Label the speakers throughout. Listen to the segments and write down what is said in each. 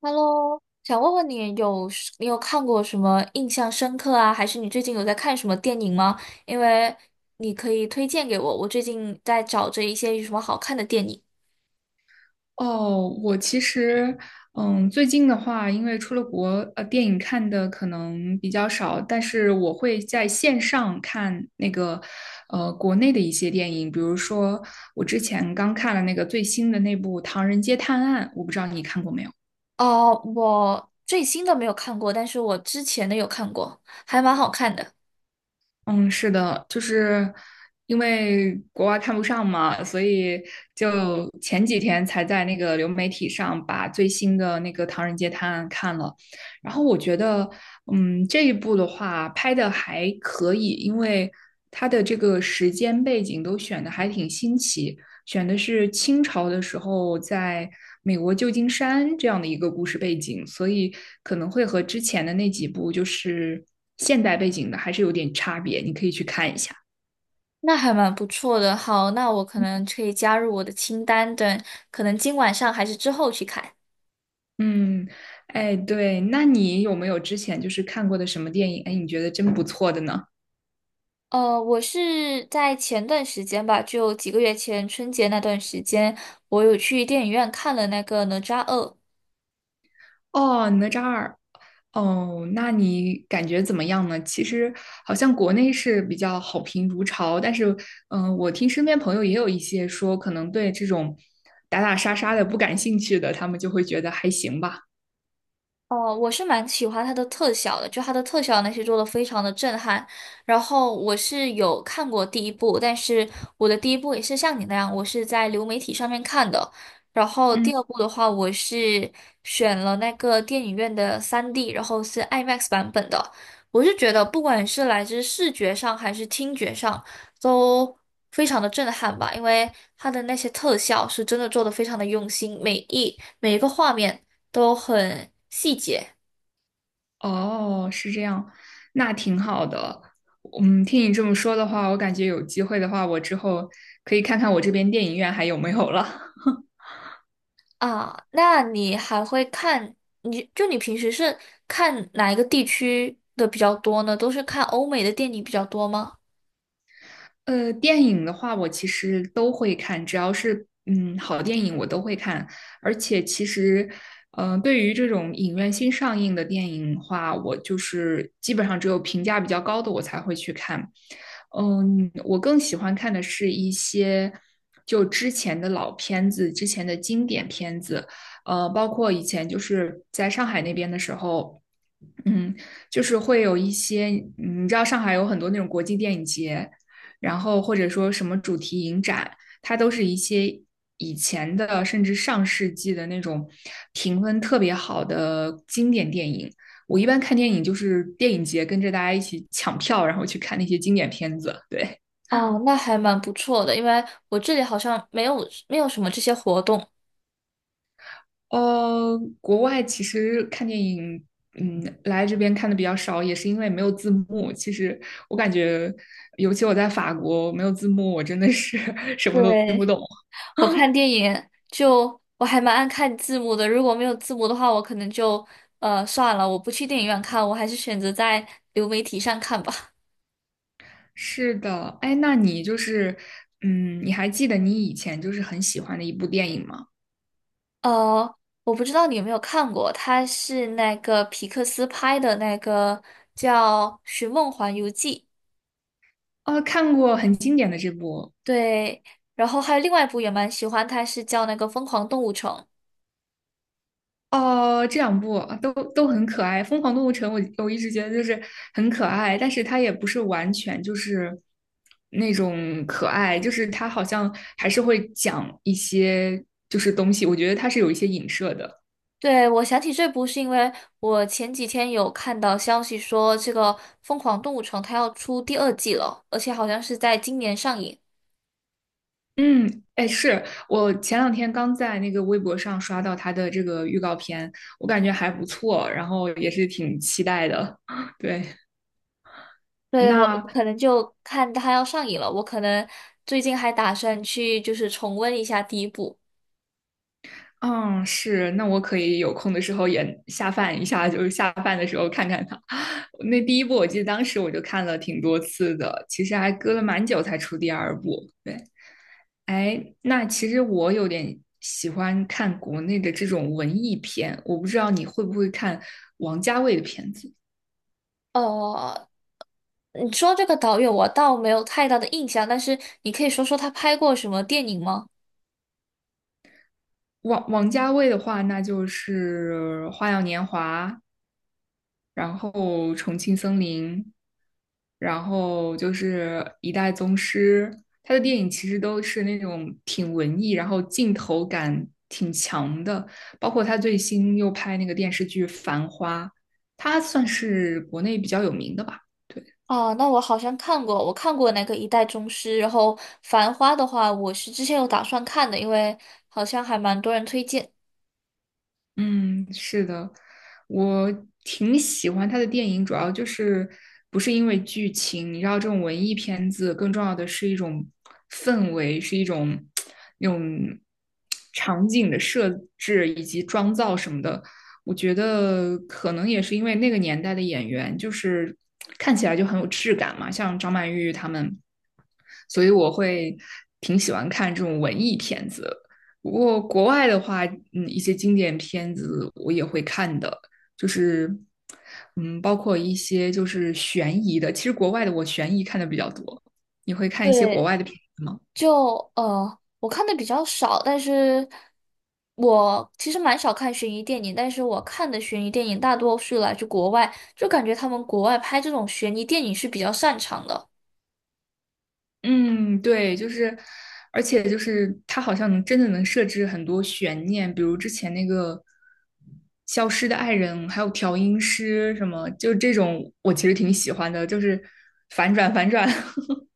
Speaker 1: Hello，想问问你有是你有看过什么印象深刻啊？还是你最近有在看什么电影吗？因为你可以推荐给我，我最近在找着一些有什么好看的电影。
Speaker 2: 哦，我其实，最近的话，因为出了国，电影看的可能比较少，但是我会在线上看那个，国内的一些电影，比如说我之前刚看了那个最新的那部《唐人街探案》，我不知道你看过没有。
Speaker 1: 哦，我最新的没有看过，但是我之前的有看过，还蛮好看的。
Speaker 2: 嗯，是的，就是因为国外看不上嘛，所以就前几天才在那个流媒体上把最新的那个《唐人街探案》看了，然后我觉得，这一部的话拍的还可以，因为它的这个时间背景都选的还挺新奇，选的是清朝的时候在美国旧金山这样的一个故事背景，所以可能会和之前的那几部就是现代背景的还是有点差别，你可以去看一下。
Speaker 1: 那还蛮不错的。好，那我可能可以加入我的清单，等可能今晚上还是之后去看。
Speaker 2: 嗯，哎，对，那你有没有之前就是看过的什么电影？哎，你觉得真不错的呢？
Speaker 1: 我是在前段时间吧，就几个月前春节那段时间，我有去电影院看了那个《哪吒二》。
Speaker 2: 哦，哪吒二，哦，那你感觉怎么样呢？其实好像国内是比较好评如潮，但是，我听身边朋友也有一些说，可能对这种打打杀杀的不感兴趣的，他们就会觉得还行吧。
Speaker 1: 哦，我是蛮喜欢它的特效的，就它的特效那些做的非常的震撼。然后我是有看过第一部，但是我的第一部也是像你那样，我是在流媒体上面看的。然后第
Speaker 2: 嗯，
Speaker 1: 二部的话，我是选了那个电影院的 3D，然后是 IMAX 版本的。我是觉得不管是来自视觉上还是听觉上，都非常的震撼吧，因为它的那些特效是真的做的非常的用心，每一个画面都很细节
Speaker 2: 哦，是这样，那挺好的。听你这么说的话，我感觉有机会的话，我之后可以看看我这边电影院还有没有了。
Speaker 1: 啊。那你还会看，你平时是看哪一个地区的比较多呢？都是看欧美的电影比较多吗？
Speaker 2: 电影的话，我其实都会看，只要是好电影我都会看。而且其实，对于这种影院新上映的电影的话，我就是基本上只有评价比较高的我才会去看。我更喜欢看的是一些就之前的老片子、之前的经典片子，包括以前就是在上海那边的时候。嗯，就是会有一些，你知道上海有很多那种国际电影节，然后或者说什么主题影展，它都是一些以前的甚至上世纪的那种评分特别好的经典电影。我一般看电影就是电影节跟着大家一起抢票，然后去看那些经典片子。对，
Speaker 1: 哦，那还蛮不错的，因为我这里好像没有什么这些活动。
Speaker 2: 国外其实看电影，来这边看的比较少，也是因为没有字幕。其实我感觉，尤其我在法国没有字幕，我真的是 什么都听不
Speaker 1: 对，
Speaker 2: 懂。
Speaker 1: 我 看电影就我还蛮爱看字幕的，如果没有字幕的话，我可能就算了，我不去电影院看，我还是选择在流媒体上看吧。
Speaker 2: 是的，哎，那你就是，你还记得你以前就是很喜欢的一部电影吗？
Speaker 1: 呃，我不知道你有没有看过，它是那个皮克斯拍的那个叫《寻梦环游记》，
Speaker 2: 哦，看过很经典的这部
Speaker 1: 对，然后还有另外一部也蛮喜欢，它是叫那个《疯狂动物城》。
Speaker 2: 哦，这两部都很可爱，《疯狂动物城》我一直觉得就是很可爱，但是它也不是完全就是那种可爱，就是它好像还是会讲一些就是东西，我觉得它是有一些影射的。
Speaker 1: 对，我想起这部是因为我前几天有看到消息说这个《疯狂动物城》它要出第二季了，而且好像是在今年上映。
Speaker 2: 嗯，哎，是我前两天刚在那个微博上刷到它的这个预告片，我感觉还不错，然后也是挺期待的。对，
Speaker 1: 对，我
Speaker 2: 那
Speaker 1: 可能就看它要上映了，我可能最近还打算去就是重温一下第一部。
Speaker 2: 嗯，是，那我可以有空的时候也下饭一下，就是下饭的时候看看它。那第一部我记得当时我就看了挺多次的，其实还隔了蛮久才出第二部。对，哎，那其实我有点喜欢看国内的这种文艺片，我不知道你会不会看王家卫的片子。
Speaker 1: 哦，你说这个导演我倒没有太大的印象，但是你可以说说他拍过什么电影吗？
Speaker 2: 王家卫的话，那就是《花样年华》，然后《重庆森林》。然后就是一代宗师，他的电影其实都是那种挺文艺，然后镜头感挺强的，包括他最新又拍那个电视剧《繁花》，他算是国内比较有名的吧。对。
Speaker 1: 啊，那我好像看过，我看过那个《一代宗师》，然后《繁花》的话，我是之前有打算看的，因为好像还蛮多人推荐。
Speaker 2: 嗯，是的，我挺喜欢他的电影，主要就是不是因为剧情，你知道这种文艺片子更重要的是一种氛围，是一种那种场景的设置以及妆造什么的。我觉得可能也是因为那个年代的演员就是看起来就很有质感嘛，像张曼玉他们，所以我会挺喜欢看这种文艺片子。不过国外的话，一些经典片子我也会看的，就是，包括一些就是悬疑的。其实国外的我悬疑看的比较多，你会看一些国
Speaker 1: 对，
Speaker 2: 外的片子吗？
Speaker 1: 就我看的比较少，但是我其实蛮少看悬疑电影，但是我看的悬疑电影大多是来自国外，就感觉他们国外拍这种悬疑电影是比较擅长的。
Speaker 2: 嗯，对，就是，而且就是它好像能真的能设置很多悬念，比如之前那个《消失的爱人》，还有调音师什么，就这种我其实挺喜欢的，就是反转反转。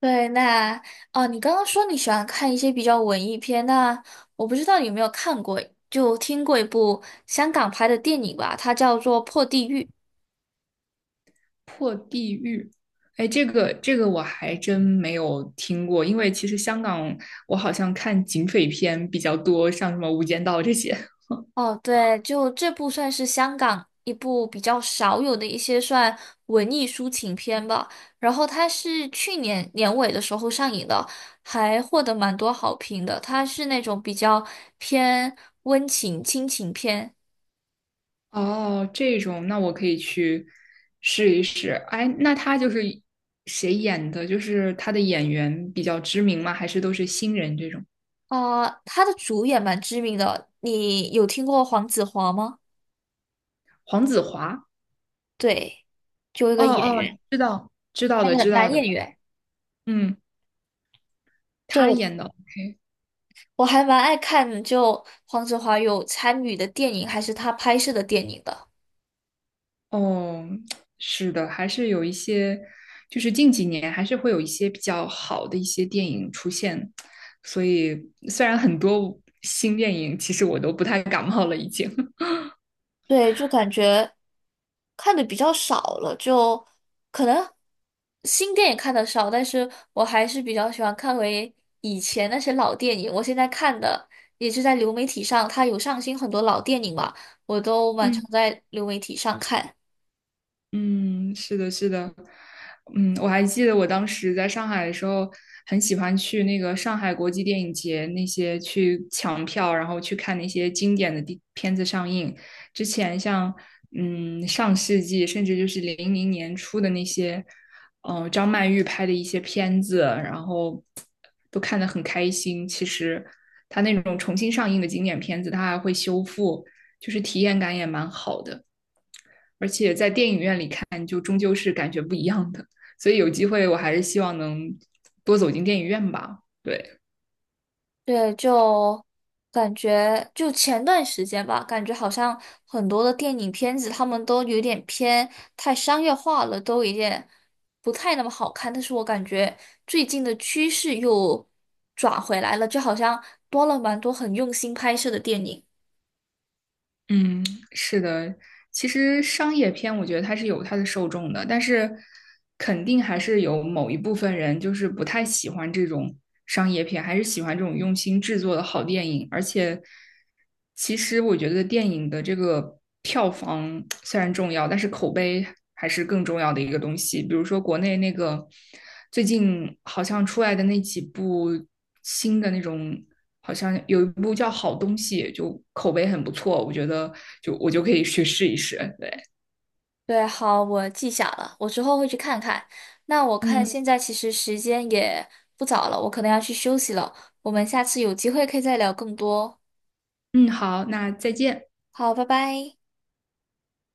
Speaker 1: 对，你刚刚说你喜欢看一些比较文艺片，那我不知道你有没有看过，就听过一部香港拍的电影吧，它叫做《破地狱》。
Speaker 2: 破地狱。哎，这个我还真没有听过，因为其实香港我好像看警匪片比较多，像什么《无间道》这些。
Speaker 1: 哦，对，就这部算是香港一部比较少有的一些算文艺抒情片吧。然后它是去年年尾的时候上映的，还获得蛮多好评的。它是那种比较偏温情亲情片。
Speaker 2: 哦，这种那我可以去试一试。哎，那他就是谁演的？就是他的演员比较知名吗？还是都是新人这种？
Speaker 1: 啊、他的主演蛮知名的，你有听过黄子华吗？
Speaker 2: 黄子华？
Speaker 1: 对，就一
Speaker 2: 哦
Speaker 1: 个演员，
Speaker 2: 哦，知道知道
Speaker 1: 那
Speaker 2: 的
Speaker 1: 个
Speaker 2: 知道
Speaker 1: 男演
Speaker 2: 的，
Speaker 1: 员。
Speaker 2: 嗯，
Speaker 1: 对，
Speaker 2: 他演的。OK
Speaker 1: 我还蛮爱看，就黄子华有参与的电影，还是他拍摄的电影的。
Speaker 2: 哦，是的，还是有一些，就是近几年还是会有一些比较好的一些电影出现，所以虽然很多新电影，其实我都不太感冒了，已经。
Speaker 1: 对，就感觉看的比较少了，就可能新电影看的少，但是我还是比较喜欢看回以前那些老电影。我现在看的也是在流媒体上，它有上新很多老电影嘛，我都蛮常
Speaker 2: 嗯。
Speaker 1: 在流媒体上看。
Speaker 2: 嗯，是的，是的，我还记得我当时在上海的时候，很喜欢去那个上海国际电影节那些去抢票，然后去看那些经典的地片子上映。之前像上世纪，甚至就是零零年初的那些，张曼玉拍的一些片子，然后都看得很开心。其实他那种重新上映的经典片子，他还会修复，就是体验感也蛮好的。而且在电影院里看，就终究是感觉不一样的。所以有机会，我还是希望能多走进电影院吧。对，
Speaker 1: 对，就感觉就前段时间吧，感觉好像很多的电影片子，他们都有点偏太商业化了，都有点不太那么好看。但是我感觉最近的趋势又转回来了，就好像多了蛮多很用心拍摄的电影。
Speaker 2: 嗯，是的，其实商业片我觉得它是有它的受众的，但是肯定还是有某一部分人就是不太喜欢这种商业片，还是喜欢这种用心制作的好电影。而且，其实我觉得电影的这个票房虽然重要，但是口碑还是更重要的一个东西。比如说国内那个最近好像出来的那几部新的那种。好像有一部叫《好东西》，就口碑很不错，我觉得就我就可以去试一试。对，
Speaker 1: 对，好，我记下了，我之后会去看看。那我看
Speaker 2: 嗯
Speaker 1: 现在其实时间也不早了，我可能要去休息了。我们下次有机会可以再聊更多。
Speaker 2: 嗯，好，那再见。
Speaker 1: 好，拜拜。